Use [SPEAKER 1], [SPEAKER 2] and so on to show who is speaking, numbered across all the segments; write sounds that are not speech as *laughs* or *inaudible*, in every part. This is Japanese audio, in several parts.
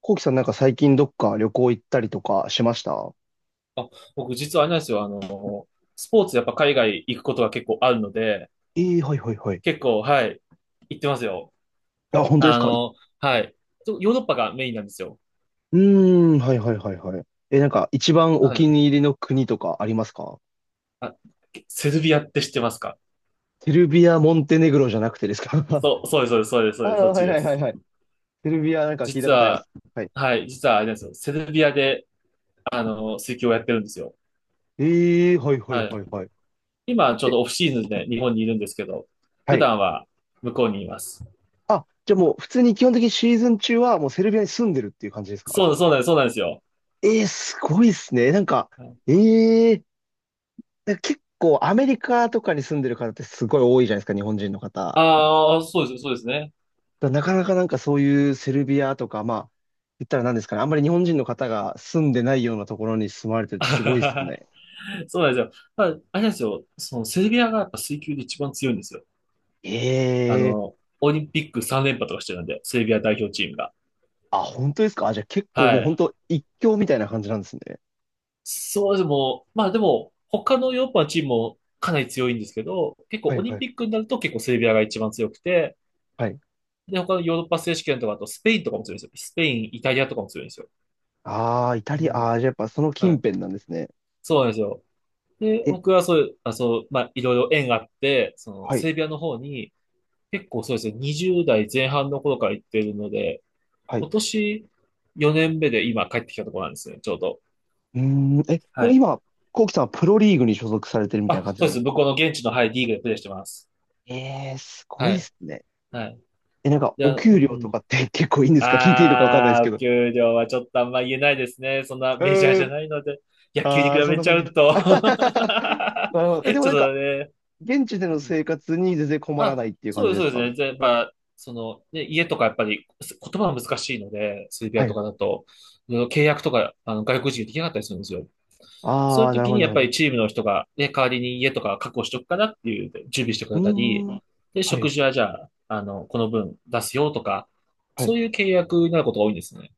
[SPEAKER 1] コウキさん、なんか最近どっか旅行行ったりとかしました？
[SPEAKER 2] あ、僕実はあれなんですよ。スポーツやっぱ海外行くことが結構あるので、
[SPEAKER 1] ええー、はいはいはい。
[SPEAKER 2] 結構、はい、行ってますよ。
[SPEAKER 1] あ、本当です
[SPEAKER 2] あ
[SPEAKER 1] かい？
[SPEAKER 2] の、はい。ヨーロッパがメインなんですよ。
[SPEAKER 1] うーん、はいはいはいはい。え、なんか一番お
[SPEAKER 2] は
[SPEAKER 1] 気
[SPEAKER 2] い。
[SPEAKER 1] に入りの国とかありますか？
[SPEAKER 2] あ、セルビアって知ってますか？
[SPEAKER 1] セルビア、モンテネグロじゃなくてですか？ *laughs*
[SPEAKER 2] そう、そうです、そうです、そ
[SPEAKER 1] あ
[SPEAKER 2] う
[SPEAKER 1] ー、
[SPEAKER 2] です、そうです、そっ
[SPEAKER 1] は
[SPEAKER 2] ち
[SPEAKER 1] い
[SPEAKER 2] で
[SPEAKER 1] はい
[SPEAKER 2] す。
[SPEAKER 1] はいはい。セルビアなんか聞いた
[SPEAKER 2] 実
[SPEAKER 1] ことありま
[SPEAKER 2] は、
[SPEAKER 1] す。はい。
[SPEAKER 2] はい、実はあれなんですよ。セルビアで、水球をやってるんですよ。
[SPEAKER 1] ええー、はいはい
[SPEAKER 2] は
[SPEAKER 1] は
[SPEAKER 2] い。
[SPEAKER 1] いはい。
[SPEAKER 2] 今、ちょう
[SPEAKER 1] え、
[SPEAKER 2] どオフシーズンで日本にいるんですけど、
[SPEAKER 1] は
[SPEAKER 2] 普
[SPEAKER 1] い。
[SPEAKER 2] 段は向こうにいます。
[SPEAKER 1] あ、じゃあもう普通に基本的にシーズン中はもうセルビアに住んでるっていう感じですか？
[SPEAKER 2] そうなんです、そうなんですよ。
[SPEAKER 1] えー、すごいっすね。なんか、
[SPEAKER 2] はい。
[SPEAKER 1] えー、なんか結構アメリカとかに住んでる方ってすごい多いじゃないですか、日本人の方。
[SPEAKER 2] ああ、そうです、そうですね。
[SPEAKER 1] だなかなかなんかそういうセルビアとか、まあ、言ったら何ですかね、あんまり日本人の方が住んでないようなところに住まれててすごいです
[SPEAKER 2] *laughs*
[SPEAKER 1] ね。
[SPEAKER 2] *laughs* そうなんですよ。まあ、あれなんですよ。そのセルビアがやっぱ水球で一番強いんですよ。あ
[SPEAKER 1] ええ、
[SPEAKER 2] の、オリンピック3連覇とかしてるんで、セルビア代表チームが。
[SPEAKER 1] あ、本当ですかあ、じゃあ結構
[SPEAKER 2] は
[SPEAKER 1] もう本
[SPEAKER 2] い。
[SPEAKER 1] 当一強みたいな感じなんですね。
[SPEAKER 2] そうです。もう、まあでも、他のヨーロッパのチームもかなり強いんですけど、結構
[SPEAKER 1] はい
[SPEAKER 2] オリ
[SPEAKER 1] は
[SPEAKER 2] ンピッ
[SPEAKER 1] い。
[SPEAKER 2] クになると結構セルビアが一番強くて、
[SPEAKER 1] はい。
[SPEAKER 2] で、他のヨーロッパ選手権とか、あとスペインとかも強いんですよ。スペイン、イタリアとかも強いんですよ。
[SPEAKER 1] ああ、イタ
[SPEAKER 2] う
[SPEAKER 1] リア、
[SPEAKER 2] ん。
[SPEAKER 1] ああ、じゃあやっぱその
[SPEAKER 2] は
[SPEAKER 1] 近辺
[SPEAKER 2] い。
[SPEAKER 1] なんですね。
[SPEAKER 2] そうなんですよ。で、
[SPEAKER 1] え、
[SPEAKER 2] 僕はそういう、あ、そう、まあいろいろ縁があって、その
[SPEAKER 1] はい、
[SPEAKER 2] セルビアの方に、結構そうですね、20代前半の頃から行ってるので、
[SPEAKER 1] はい。う
[SPEAKER 2] 今年4年目で今帰ってきたところなんですね、ちょうど。
[SPEAKER 1] ーん、え、も
[SPEAKER 2] は
[SPEAKER 1] う
[SPEAKER 2] い。
[SPEAKER 1] 今、コウキさんはプロリーグに所属されてるみたいな
[SPEAKER 2] あ、
[SPEAKER 1] 感じ
[SPEAKER 2] そ
[SPEAKER 1] な
[SPEAKER 2] う
[SPEAKER 1] ん
[SPEAKER 2] で
[SPEAKER 1] で
[SPEAKER 2] す。
[SPEAKER 1] すか？
[SPEAKER 2] 向こうの現地の、はい、リーグでプレーしてます。
[SPEAKER 1] え、えー、すごい
[SPEAKER 2] は
[SPEAKER 1] で
[SPEAKER 2] い。
[SPEAKER 1] すね。
[SPEAKER 2] はい。
[SPEAKER 1] え、なんか、
[SPEAKER 2] じ
[SPEAKER 1] お
[SPEAKER 2] ゃあ、
[SPEAKER 1] 給
[SPEAKER 2] う
[SPEAKER 1] 料と
[SPEAKER 2] ん。
[SPEAKER 1] かって結構いいんですか？ *laughs* 聞いていいのかわかんないです
[SPEAKER 2] あ
[SPEAKER 1] け
[SPEAKER 2] ー、お
[SPEAKER 1] ど。
[SPEAKER 2] 給料はちょっとあんま言えないですね。そんな
[SPEAKER 1] う
[SPEAKER 2] メジャー
[SPEAKER 1] ー
[SPEAKER 2] じゃ
[SPEAKER 1] ん。
[SPEAKER 2] ないので、野球に
[SPEAKER 1] あ
[SPEAKER 2] 比
[SPEAKER 1] あ、そん
[SPEAKER 2] べ
[SPEAKER 1] な
[SPEAKER 2] ちゃ
[SPEAKER 1] 感じで
[SPEAKER 2] う
[SPEAKER 1] す。
[SPEAKER 2] と
[SPEAKER 1] *laughs* なるほ
[SPEAKER 2] *laughs*
[SPEAKER 1] ど。
[SPEAKER 2] ち
[SPEAKER 1] え、でも
[SPEAKER 2] ょ
[SPEAKER 1] な
[SPEAKER 2] っ
[SPEAKER 1] んか、
[SPEAKER 2] とね、
[SPEAKER 1] 現地で
[SPEAKER 2] う
[SPEAKER 1] の
[SPEAKER 2] ん。
[SPEAKER 1] 生活に全然困らな
[SPEAKER 2] あ、
[SPEAKER 1] いっていう
[SPEAKER 2] そ
[SPEAKER 1] 感
[SPEAKER 2] うで
[SPEAKER 1] じ
[SPEAKER 2] す、
[SPEAKER 1] で
[SPEAKER 2] そう
[SPEAKER 1] す
[SPEAKER 2] です
[SPEAKER 1] か？
[SPEAKER 2] ね。じやっぱ、その、ね、家とかやっぱりす言葉は難しいので、セルビ
[SPEAKER 1] は
[SPEAKER 2] アと
[SPEAKER 1] い。
[SPEAKER 2] かだと、いろいろ契約とか、外国人できなかったりするんですよ。そ
[SPEAKER 1] あ
[SPEAKER 2] ういう
[SPEAKER 1] あ、なる
[SPEAKER 2] 時
[SPEAKER 1] ほど、
[SPEAKER 2] に
[SPEAKER 1] な
[SPEAKER 2] や
[SPEAKER 1] る
[SPEAKER 2] っ
[SPEAKER 1] ほ
[SPEAKER 2] ぱ
[SPEAKER 1] ど。
[SPEAKER 2] りチームの人が、ね、代わりに家とか確保しとくからっていう、準備してく
[SPEAKER 1] う
[SPEAKER 2] れたり、
[SPEAKER 1] ーん。
[SPEAKER 2] で、
[SPEAKER 1] は
[SPEAKER 2] 食
[SPEAKER 1] い、
[SPEAKER 2] 事はじゃあ、あの、この分出すよとか、
[SPEAKER 1] は
[SPEAKER 2] そ
[SPEAKER 1] い。
[SPEAKER 2] ういう契約になることが多いんですね。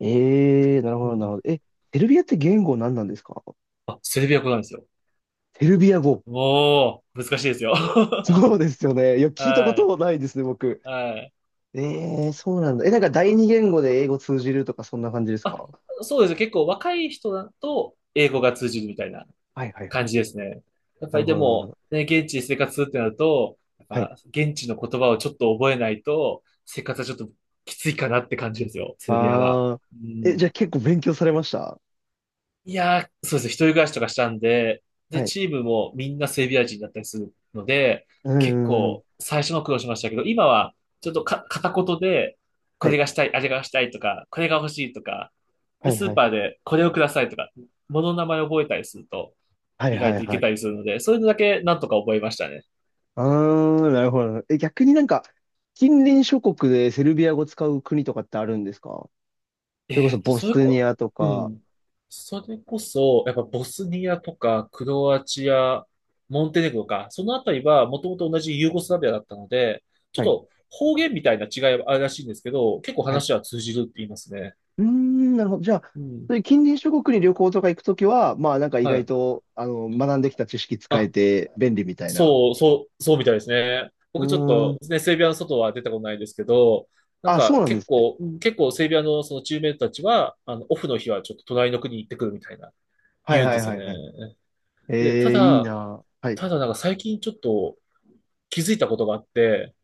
[SPEAKER 1] ええー、なる
[SPEAKER 2] う
[SPEAKER 1] ほど、なる
[SPEAKER 2] ん。
[SPEAKER 1] ほど。え、セルビアって言語何なんですか？
[SPEAKER 2] あ、セルビア語なんですよ。
[SPEAKER 1] セルビア語。
[SPEAKER 2] もう、難しいですよ。
[SPEAKER 1] *laughs*
[SPEAKER 2] *laughs*
[SPEAKER 1] そうですよね。いや、聞いたこ
[SPEAKER 2] は
[SPEAKER 1] と
[SPEAKER 2] い。
[SPEAKER 1] もないですね、僕。
[SPEAKER 2] はい。
[SPEAKER 1] ええー、そうなんだ。え、なんか第二言語で英語通じるとか、そんな感じです
[SPEAKER 2] あ、
[SPEAKER 1] か？
[SPEAKER 2] そうです。結構若い人だと英語が通じるみたいな
[SPEAKER 1] はい、はい、は
[SPEAKER 2] 感
[SPEAKER 1] い、
[SPEAKER 2] じ
[SPEAKER 1] はい。
[SPEAKER 2] ですね。やっ
[SPEAKER 1] な
[SPEAKER 2] ぱ
[SPEAKER 1] る
[SPEAKER 2] りで
[SPEAKER 1] ほど、なるほ
[SPEAKER 2] も、
[SPEAKER 1] ど。
[SPEAKER 2] ね、現地で生活するってなると、やっ
[SPEAKER 1] はい。
[SPEAKER 2] ぱ現地の言葉をちょっと覚えないと、生活はちょっときついかなって感じですよ、セルビアは。
[SPEAKER 1] ああ。
[SPEAKER 2] う
[SPEAKER 1] え、じゃあ
[SPEAKER 2] ん。
[SPEAKER 1] 結構勉強されました？
[SPEAKER 2] いやー、そうですね。一人暮らしとかしたんで、で、
[SPEAKER 1] はい。
[SPEAKER 2] チームもみんなセルビア人だったりするので、
[SPEAKER 1] う
[SPEAKER 2] 結
[SPEAKER 1] ん。うんうん。
[SPEAKER 2] 構最初の苦労しましたけど、今はちょっとか片言で、こ
[SPEAKER 1] は
[SPEAKER 2] れ
[SPEAKER 1] い。
[SPEAKER 2] がしたい、あれがしたいとか、これが欲しいとか、
[SPEAKER 1] は
[SPEAKER 2] で、
[SPEAKER 1] い
[SPEAKER 2] ス
[SPEAKER 1] は
[SPEAKER 2] ー
[SPEAKER 1] い。
[SPEAKER 2] パーでこれをくださいとか、物の名前を覚えたりすると、
[SPEAKER 1] はい
[SPEAKER 2] 意
[SPEAKER 1] は
[SPEAKER 2] 外
[SPEAKER 1] い
[SPEAKER 2] とい
[SPEAKER 1] は
[SPEAKER 2] け
[SPEAKER 1] い。
[SPEAKER 2] たりするので、そういうのだけなんとか覚えましたね。
[SPEAKER 1] あー、なるほど。え、逆になんか、近隣諸国でセルビア語使う国とかってあるんですか？それこ
[SPEAKER 2] え
[SPEAKER 1] そ
[SPEAKER 2] っと、
[SPEAKER 1] ボ
[SPEAKER 2] そ
[SPEAKER 1] ス
[SPEAKER 2] れ
[SPEAKER 1] ニ
[SPEAKER 2] こ、
[SPEAKER 1] アと
[SPEAKER 2] う
[SPEAKER 1] か。
[SPEAKER 2] ん。それこそ、やっぱボスニアとか、クロアチア、モンテネグロか、そのあたりはもともと同じユーゴスラビアだったので、ちょ
[SPEAKER 1] は
[SPEAKER 2] っ
[SPEAKER 1] い。
[SPEAKER 2] と方言みたいな違いはあるらしいんですけど、結構
[SPEAKER 1] はい。
[SPEAKER 2] 話は通じるって言いますね。
[SPEAKER 1] うーん、なるほど。じゃあ、
[SPEAKER 2] う
[SPEAKER 1] そう
[SPEAKER 2] ん。
[SPEAKER 1] いう近隣諸国に旅行とか行くときは、まあなんか意
[SPEAKER 2] は
[SPEAKER 1] 外
[SPEAKER 2] い。
[SPEAKER 1] と、あの、学んできた知識使え
[SPEAKER 2] あ、
[SPEAKER 1] て便利みたいな。
[SPEAKER 2] そうみたいですね。
[SPEAKER 1] う
[SPEAKER 2] 僕ちょっ
[SPEAKER 1] ー
[SPEAKER 2] と、
[SPEAKER 1] ん。
[SPEAKER 2] ね、セルビアの外は出たことないですけど、なん
[SPEAKER 1] あ、そう
[SPEAKER 2] か
[SPEAKER 1] なんで
[SPEAKER 2] 結
[SPEAKER 1] すね。
[SPEAKER 2] 構、うん結構セルビアのそのチームメイトたちは、オフの日はちょっと隣の国に行ってくるみたいな、
[SPEAKER 1] はい
[SPEAKER 2] 言うん
[SPEAKER 1] は
[SPEAKER 2] で
[SPEAKER 1] い
[SPEAKER 2] す
[SPEAKER 1] は
[SPEAKER 2] よ
[SPEAKER 1] い
[SPEAKER 2] ね。
[SPEAKER 1] はい。
[SPEAKER 2] で、
[SPEAKER 1] えー、いいな。はい。
[SPEAKER 2] ただなんか最近ちょっと気づいたことがあって、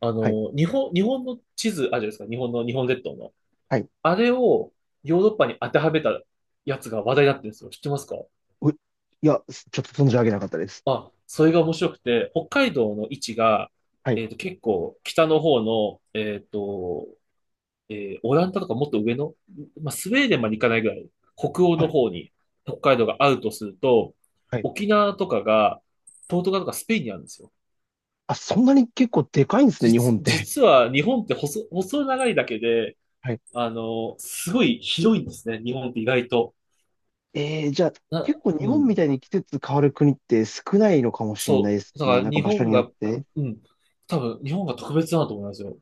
[SPEAKER 2] あ
[SPEAKER 1] はい。
[SPEAKER 2] の、日本の地図、あるじゃないですか、日本の、日本列島の。
[SPEAKER 1] はい、
[SPEAKER 2] あれをヨーロッパに当てはめたやつが話題になってるんですよ。知ってますか？
[SPEAKER 1] おい、や、ちょっと存じ上げなかったです。
[SPEAKER 2] あ、それが面白くて、北海道の位置が、
[SPEAKER 1] はい。
[SPEAKER 2] 結構北の方の、オランダとかもっと上の、まあ、スウェーデンまで行かないぐらい、北欧
[SPEAKER 1] は
[SPEAKER 2] の
[SPEAKER 1] い。
[SPEAKER 2] 方に北海道があるとすると、
[SPEAKER 1] はい、
[SPEAKER 2] 沖縄とかが、ポルトガルとかスペインにあるんですよ。
[SPEAKER 1] あ、そんなに結構でかいんですね、日本って。
[SPEAKER 2] 実は日本って細長いだけで、
[SPEAKER 1] *laughs* はい。
[SPEAKER 2] あの、すごい広いんですね、日本って意外と。
[SPEAKER 1] えー、じゃあ、結
[SPEAKER 2] な、
[SPEAKER 1] 構
[SPEAKER 2] う
[SPEAKER 1] 日本み
[SPEAKER 2] ん。
[SPEAKER 1] たいに季節変わる国って少ないのかもしれない
[SPEAKER 2] そ
[SPEAKER 1] です
[SPEAKER 2] う。だか
[SPEAKER 1] ね。
[SPEAKER 2] ら
[SPEAKER 1] なんか
[SPEAKER 2] 日
[SPEAKER 1] 場所
[SPEAKER 2] 本
[SPEAKER 1] によっ
[SPEAKER 2] が、
[SPEAKER 1] て。
[SPEAKER 2] うん。多分、日本が特別だなと思いますよ。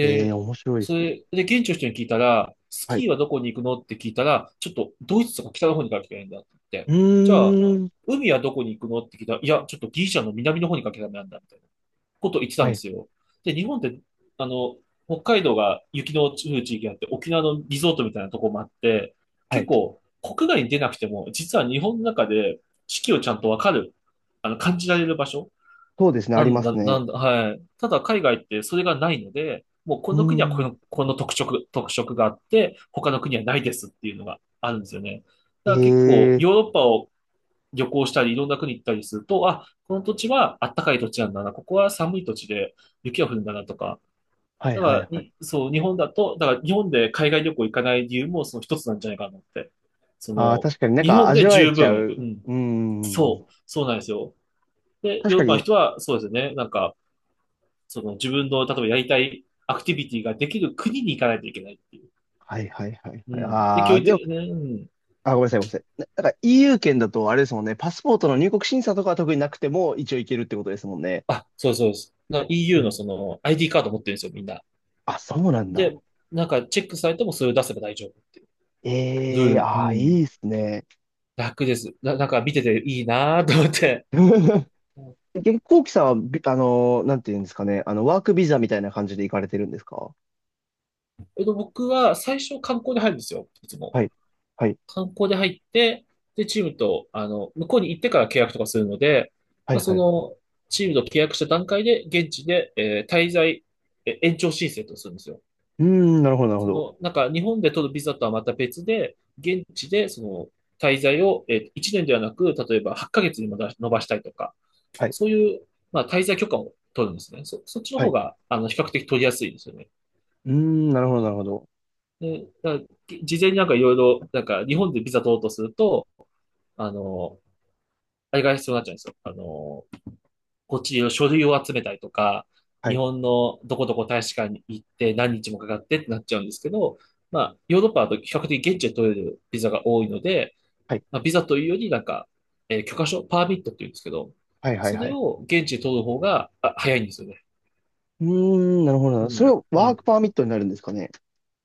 [SPEAKER 1] えー、面白いで
[SPEAKER 2] そ
[SPEAKER 1] すね。
[SPEAKER 2] れ、で、現地の人に聞いたら、ス
[SPEAKER 1] はい。
[SPEAKER 2] キーはどこに行くのって聞いたら、ちょっとドイツとか北の方に行かなきゃいけないんだって言っ
[SPEAKER 1] う
[SPEAKER 2] て。じゃあ、
[SPEAKER 1] ーん。
[SPEAKER 2] 海はどこに行くのって聞いたら、いや、ちょっとギリシャの南の方に行かなきゃダメなんだって。こと言ってた
[SPEAKER 1] は
[SPEAKER 2] んで
[SPEAKER 1] い。
[SPEAKER 2] すよ。で、日本って、あの、北海道が雪の降る地域があって、沖縄のリゾートみたいなとこもあって、
[SPEAKER 1] は
[SPEAKER 2] 結
[SPEAKER 1] い。
[SPEAKER 2] 構国外に出なくても、実は日本の中で四季をちゃんとわかる、あの、感じられる場所
[SPEAKER 1] そうですね、あります
[SPEAKER 2] な
[SPEAKER 1] ね。
[SPEAKER 2] んだ、はい。ただ海外ってそれがないので、もうこ
[SPEAKER 1] う
[SPEAKER 2] の国は
[SPEAKER 1] ー
[SPEAKER 2] こ
[SPEAKER 1] ん。
[SPEAKER 2] の、特色があって、他の国はないですっていうのがあるんですよね。だから結構
[SPEAKER 1] えー。
[SPEAKER 2] ヨーロッパを旅行したり、いろんな国行ったりすると、あ、この土地はあったかい土地なんだな、ここは寒い土地で雪が降るんだなとか、
[SPEAKER 1] はい
[SPEAKER 2] だか
[SPEAKER 1] はい
[SPEAKER 2] ら
[SPEAKER 1] はい。
[SPEAKER 2] に、そう、日本だと、だから日本で海外旅行行かない理由もその一つなんじゃないかなと思って。そ
[SPEAKER 1] あー、
[SPEAKER 2] の、
[SPEAKER 1] 確かになん
[SPEAKER 2] 日
[SPEAKER 1] か
[SPEAKER 2] 本
[SPEAKER 1] 味
[SPEAKER 2] で
[SPEAKER 1] わえ
[SPEAKER 2] 十
[SPEAKER 1] ちゃ
[SPEAKER 2] 分、う
[SPEAKER 1] う。
[SPEAKER 2] ん、
[SPEAKER 1] うー
[SPEAKER 2] そう、
[SPEAKER 1] ん。
[SPEAKER 2] そうなんですよ。で、
[SPEAKER 1] 確
[SPEAKER 2] ヨーロ
[SPEAKER 1] か
[SPEAKER 2] ッパの
[SPEAKER 1] に。
[SPEAKER 2] 人はそうですよね、なんか、その自分の、例えばやりたいアクティビティができる国に行かないといけないっていう。
[SPEAKER 1] はいはいはい
[SPEAKER 2] う
[SPEAKER 1] はい。
[SPEAKER 2] ん。で、
[SPEAKER 1] あ
[SPEAKER 2] 教
[SPEAKER 1] ー、
[SPEAKER 2] 育
[SPEAKER 1] でも、
[SPEAKER 2] 的、ね、うん。
[SPEAKER 1] あ、ごめんなさい、ごめんなさい。なんか EU 圏だとあれですもんね、パスポートの入国審査とかは特になくても一応行けるってことですもんね。
[SPEAKER 2] あ、そうそうです。な
[SPEAKER 1] う
[SPEAKER 2] EU
[SPEAKER 1] ん。
[SPEAKER 2] のその ID カード持ってるんですよ、みんな。
[SPEAKER 1] あ、そうなんだ。
[SPEAKER 2] で、なんかチェックされてもそれを出せば大丈夫っていうル
[SPEAKER 1] ええ
[SPEAKER 2] ー
[SPEAKER 1] ー、
[SPEAKER 2] ル。う
[SPEAKER 1] ああ、い
[SPEAKER 2] ん。
[SPEAKER 1] いですね。
[SPEAKER 2] 楽です。な、なんか見てていいなぁと思って。
[SPEAKER 1] *laughs*
[SPEAKER 2] うん。
[SPEAKER 1] 結構、こきさんはビ、あのー、なんていうんですかね、あの、ワークビザみたいな感じで行かれてるんですか？
[SPEAKER 2] えっと、僕は最初観光で入るんですよ。いつも。
[SPEAKER 1] はい、はい、
[SPEAKER 2] 観光で入って、で、チームと、あの、向こうに行ってから契約とかするので、
[SPEAKER 1] は
[SPEAKER 2] まあ、
[SPEAKER 1] い、
[SPEAKER 2] そ
[SPEAKER 1] はい。
[SPEAKER 2] の、チームと契約した段階で、現地で、滞在、延長申請とかするんですよ。
[SPEAKER 1] うーん、なるほど、なるほ
[SPEAKER 2] そ
[SPEAKER 1] ど。
[SPEAKER 2] の、なんか、日本で取るビザとはまた別で、現地で、その、滞在を、え1年ではなく、例えば8ヶ月にも延ばしたいとか、
[SPEAKER 1] はい、
[SPEAKER 2] そういう、まあ、滞在許可を取るんですね。そっちの
[SPEAKER 1] は
[SPEAKER 2] 方
[SPEAKER 1] い。
[SPEAKER 2] が、あの、比較的取りやすいですよね。
[SPEAKER 1] うーん、なる
[SPEAKER 2] う
[SPEAKER 1] ほど、なる
[SPEAKER 2] ん。
[SPEAKER 1] ほど。
[SPEAKER 2] で、だから事前になんかいろいろ、なんか、日本でビザ取ろうとすると、あの、あれが必要になっちゃうんですよ。あの、こっちの書類を集めたりとか、
[SPEAKER 1] は
[SPEAKER 2] 日
[SPEAKER 1] い、
[SPEAKER 2] 本のどこどこ大使館に行って何日もかかってってなっちゃうんですけど、まあ、ヨーロッパだと比較的現地で取れるビザが多いので、
[SPEAKER 1] はい、
[SPEAKER 2] まあ、ビザというよりなんか、許可証、パーミットって言うんですけど、
[SPEAKER 1] はい、はい、
[SPEAKER 2] そ
[SPEAKER 1] は
[SPEAKER 2] れ
[SPEAKER 1] い。
[SPEAKER 2] を現地で取る方が、あ、早いんですよね。
[SPEAKER 1] うーん、なるほど、なるほど。それを
[SPEAKER 2] う
[SPEAKER 1] ワー
[SPEAKER 2] ん。
[SPEAKER 1] クパーミットになるんですかね。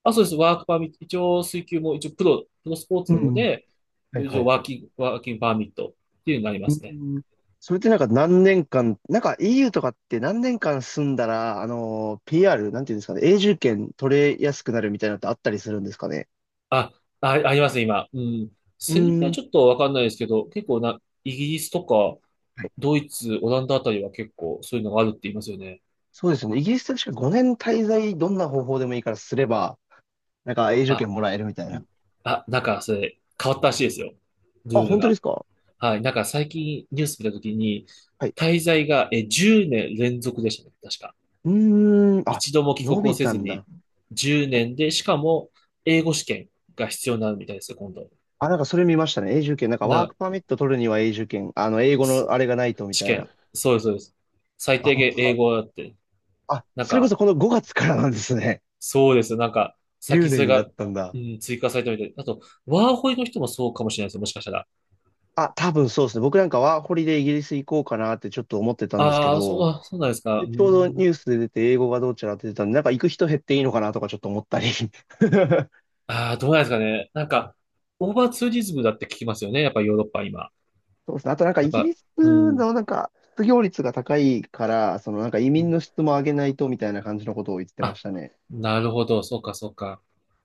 [SPEAKER 2] あ、そうです。ワークパーミット。一応、水球も一応、プロスポー
[SPEAKER 1] う
[SPEAKER 2] ツ
[SPEAKER 1] ん
[SPEAKER 2] な
[SPEAKER 1] う
[SPEAKER 2] の
[SPEAKER 1] ん、
[SPEAKER 2] で、
[SPEAKER 1] はい、
[SPEAKER 2] 一
[SPEAKER 1] は
[SPEAKER 2] 応、
[SPEAKER 1] い、はい。
[SPEAKER 2] ワーキングパーミットっていうのがありま
[SPEAKER 1] う
[SPEAKER 2] すね。
[SPEAKER 1] ん。それってなんか何年間、なんか EU とかって何年間住んだら、あの、PR、なんていうんですかね、永住権取れやすくなるみたいなのってあったりするんですかね。
[SPEAKER 2] あ、あ、ありますね、今。うん。
[SPEAKER 1] う
[SPEAKER 2] セルビア
[SPEAKER 1] ー
[SPEAKER 2] は
[SPEAKER 1] ん。
[SPEAKER 2] ちょっとわかんないですけど、結構な、イギリスとか、
[SPEAKER 1] はい。
[SPEAKER 2] ドイツ、オランダあたりは結構そういうのがあるって言いますよね。
[SPEAKER 1] そうですよね。イギリスって確か5年滞在、どんな方法でもいいからすれば、なんか永住
[SPEAKER 2] あ、
[SPEAKER 1] 権もらえるみたい
[SPEAKER 2] う
[SPEAKER 1] な。
[SPEAKER 2] ん。あ、なんか、それ、変わったらしいですよ。
[SPEAKER 1] あ、
[SPEAKER 2] ルール
[SPEAKER 1] 本当で
[SPEAKER 2] が。
[SPEAKER 1] すか？
[SPEAKER 2] はい。なんか、最近ニュース見たときに、
[SPEAKER 1] はい。
[SPEAKER 2] 滞在が、え、10年連続でしたね、確か。
[SPEAKER 1] うーん。あ、
[SPEAKER 2] 一度も帰
[SPEAKER 1] 伸
[SPEAKER 2] 国を
[SPEAKER 1] び
[SPEAKER 2] せ
[SPEAKER 1] た
[SPEAKER 2] ず
[SPEAKER 1] ん
[SPEAKER 2] に
[SPEAKER 1] だ。
[SPEAKER 2] 10年で、しかも英語試験が必要になるみたいですよ、今度。
[SPEAKER 1] あ、なんかそれ見ましたね。永住権。なんかワー
[SPEAKER 2] な、
[SPEAKER 1] クパーミット取るには永住権。あの、英語の
[SPEAKER 2] す
[SPEAKER 1] あれがないとみ
[SPEAKER 2] 試
[SPEAKER 1] たいな。
[SPEAKER 2] 験。そうです、そうです。最
[SPEAKER 1] あ、
[SPEAKER 2] 低
[SPEAKER 1] 本
[SPEAKER 2] 限
[SPEAKER 1] 当
[SPEAKER 2] 英
[SPEAKER 1] だ。
[SPEAKER 2] 語だって。
[SPEAKER 1] あ、
[SPEAKER 2] なん
[SPEAKER 1] それこ
[SPEAKER 2] か、
[SPEAKER 1] そこの5月からなんですね。
[SPEAKER 2] そうですよ。なんか、
[SPEAKER 1] *laughs* 10
[SPEAKER 2] 先そ
[SPEAKER 1] 年
[SPEAKER 2] れ
[SPEAKER 1] になっ
[SPEAKER 2] が、
[SPEAKER 1] たんだ。
[SPEAKER 2] うん、追加されたみたいで。あと、ワーホイの人もそうかもしれないですよ、もしかしたら。
[SPEAKER 1] あ、多分そうですね。僕なんかワーホリでイギリス行こうかなってちょっと思ってたんですけ
[SPEAKER 2] ああ、そう、
[SPEAKER 1] ど、
[SPEAKER 2] あそうなんですか。
[SPEAKER 1] で
[SPEAKER 2] う
[SPEAKER 1] ちょうどニュ
[SPEAKER 2] ん。
[SPEAKER 1] ースで出て英語がどうちゃらって出たんで、なんか行く人減っていいのかなとかちょっと思ったり。*laughs*
[SPEAKER 2] ああ、どうなんですかね。なんか、オーバーツーリズムだって聞きますよね。やっぱヨーロッパは今。
[SPEAKER 1] そうですね。あとなんか
[SPEAKER 2] や
[SPEAKER 1] イ
[SPEAKER 2] っ
[SPEAKER 1] ギ
[SPEAKER 2] ぱ、
[SPEAKER 1] リス
[SPEAKER 2] うん。
[SPEAKER 1] のなんか失業率が高いから、そのなんか移民の質も上げないとみたいな感じのことを言ってま
[SPEAKER 2] あ、
[SPEAKER 1] したね。
[SPEAKER 2] なるほど。そうか。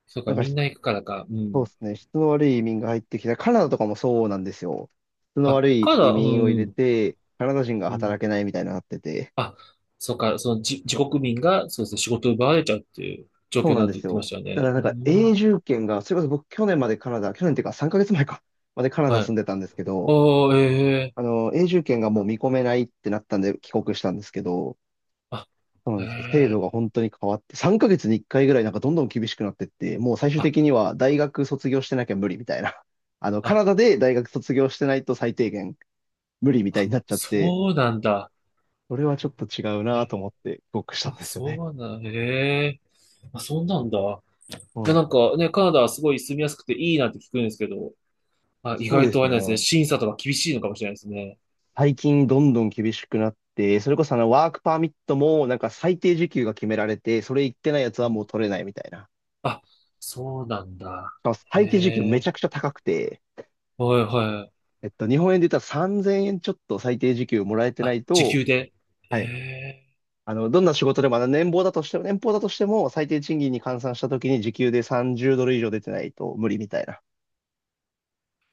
[SPEAKER 2] そうか、
[SPEAKER 1] なんか
[SPEAKER 2] みん
[SPEAKER 1] し
[SPEAKER 2] な行くからか。う
[SPEAKER 1] そう
[SPEAKER 2] ん。
[SPEAKER 1] ですね。質の悪い移民が入ってきた。カナダとかもそうなんですよ。質の
[SPEAKER 2] あ、
[SPEAKER 1] 悪
[SPEAKER 2] カ
[SPEAKER 1] い
[SPEAKER 2] ナ
[SPEAKER 1] 移
[SPEAKER 2] ダ、
[SPEAKER 1] 民を入れて、カナダ人が
[SPEAKER 2] うん。
[SPEAKER 1] 働けないみたいになってて。
[SPEAKER 2] あ、そうか、そのじ、自国民が、そうですね、仕事を奪われちゃうっていう状
[SPEAKER 1] そ
[SPEAKER 2] 況
[SPEAKER 1] う
[SPEAKER 2] に
[SPEAKER 1] な
[SPEAKER 2] な
[SPEAKER 1] ん
[SPEAKER 2] っ
[SPEAKER 1] で
[SPEAKER 2] て言
[SPEAKER 1] す
[SPEAKER 2] ってま
[SPEAKER 1] よ。
[SPEAKER 2] したよ
[SPEAKER 1] だか
[SPEAKER 2] ね。
[SPEAKER 1] らなん
[SPEAKER 2] う
[SPEAKER 1] か永
[SPEAKER 2] ん、
[SPEAKER 1] 住権が、それこそ僕去年までカナダ、去年っていうか3ヶ月前か、までカナダ
[SPEAKER 2] は
[SPEAKER 1] 住ん
[SPEAKER 2] い。
[SPEAKER 1] でたんですけど、
[SPEAKER 2] おー、ええ。
[SPEAKER 1] あの、永住権がもう見込めないってなったんで帰国したんですけど、
[SPEAKER 2] あ、
[SPEAKER 1] そうな
[SPEAKER 2] え
[SPEAKER 1] んですよ。制度が
[SPEAKER 2] え。
[SPEAKER 1] 本当に変わって、3ヶ月に1回ぐらいなんかどんどん厳しくなってって、もう最終的
[SPEAKER 2] あ、
[SPEAKER 1] には大学卒業してなきゃ無理みたいな。*laughs* あの、カ
[SPEAKER 2] あ、
[SPEAKER 1] ナダで大学卒業してないと最低限無理みたいになっちゃって、
[SPEAKER 2] そうなんだ。
[SPEAKER 1] それはちょっと違う
[SPEAKER 2] え
[SPEAKER 1] な
[SPEAKER 2] ー、
[SPEAKER 1] と思って帰国したん
[SPEAKER 2] あ、
[SPEAKER 1] ですよ
[SPEAKER 2] そう
[SPEAKER 1] ね。
[SPEAKER 2] なんだ。ええ。あ、そうなんだ。い
[SPEAKER 1] そう
[SPEAKER 2] や、
[SPEAKER 1] なん
[SPEAKER 2] な
[SPEAKER 1] で
[SPEAKER 2] ん
[SPEAKER 1] す。
[SPEAKER 2] かね、カナダはすごい住みやすくていいなって聞くんですけど、あ、意
[SPEAKER 1] そう
[SPEAKER 2] 外
[SPEAKER 1] で
[SPEAKER 2] とあ
[SPEAKER 1] す
[SPEAKER 2] れなんですね、
[SPEAKER 1] ね。
[SPEAKER 2] 審査とか厳しいのかもしれないですね。
[SPEAKER 1] 最近どんどん厳しくなって、それこそあのワークパーミットもなんか最低時給が決められて、それ言ってないやつはもう取れないみたいな。
[SPEAKER 2] あ、そうなんだ。
[SPEAKER 1] しかも
[SPEAKER 2] へ
[SPEAKER 1] 最低時給めち
[SPEAKER 2] え。
[SPEAKER 1] ゃくちゃ高くて、
[SPEAKER 2] はいはい。
[SPEAKER 1] えっと、日本円で言ったら3000円ちょっと最低時給もらえてな
[SPEAKER 2] あ、
[SPEAKER 1] い
[SPEAKER 2] 時
[SPEAKER 1] と、
[SPEAKER 2] 給で。え
[SPEAKER 1] はい。
[SPEAKER 2] え、
[SPEAKER 1] あの、どんな仕事でも、あの年俸だとしても、年俸だとしても、最低賃金に換算した時に時給で30ドル以上出てないと無理みたいな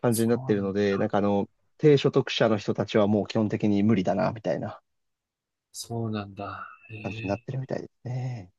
[SPEAKER 1] 感じに
[SPEAKER 2] そう
[SPEAKER 1] なってる
[SPEAKER 2] な
[SPEAKER 1] の
[SPEAKER 2] ん
[SPEAKER 1] で、なん
[SPEAKER 2] だ。
[SPEAKER 1] かあの、低所得者の人たちはもう基本的に無理だな、みたいな
[SPEAKER 2] そうなんだ。へ
[SPEAKER 1] 感じになっ
[SPEAKER 2] え。
[SPEAKER 1] てるみたいですね。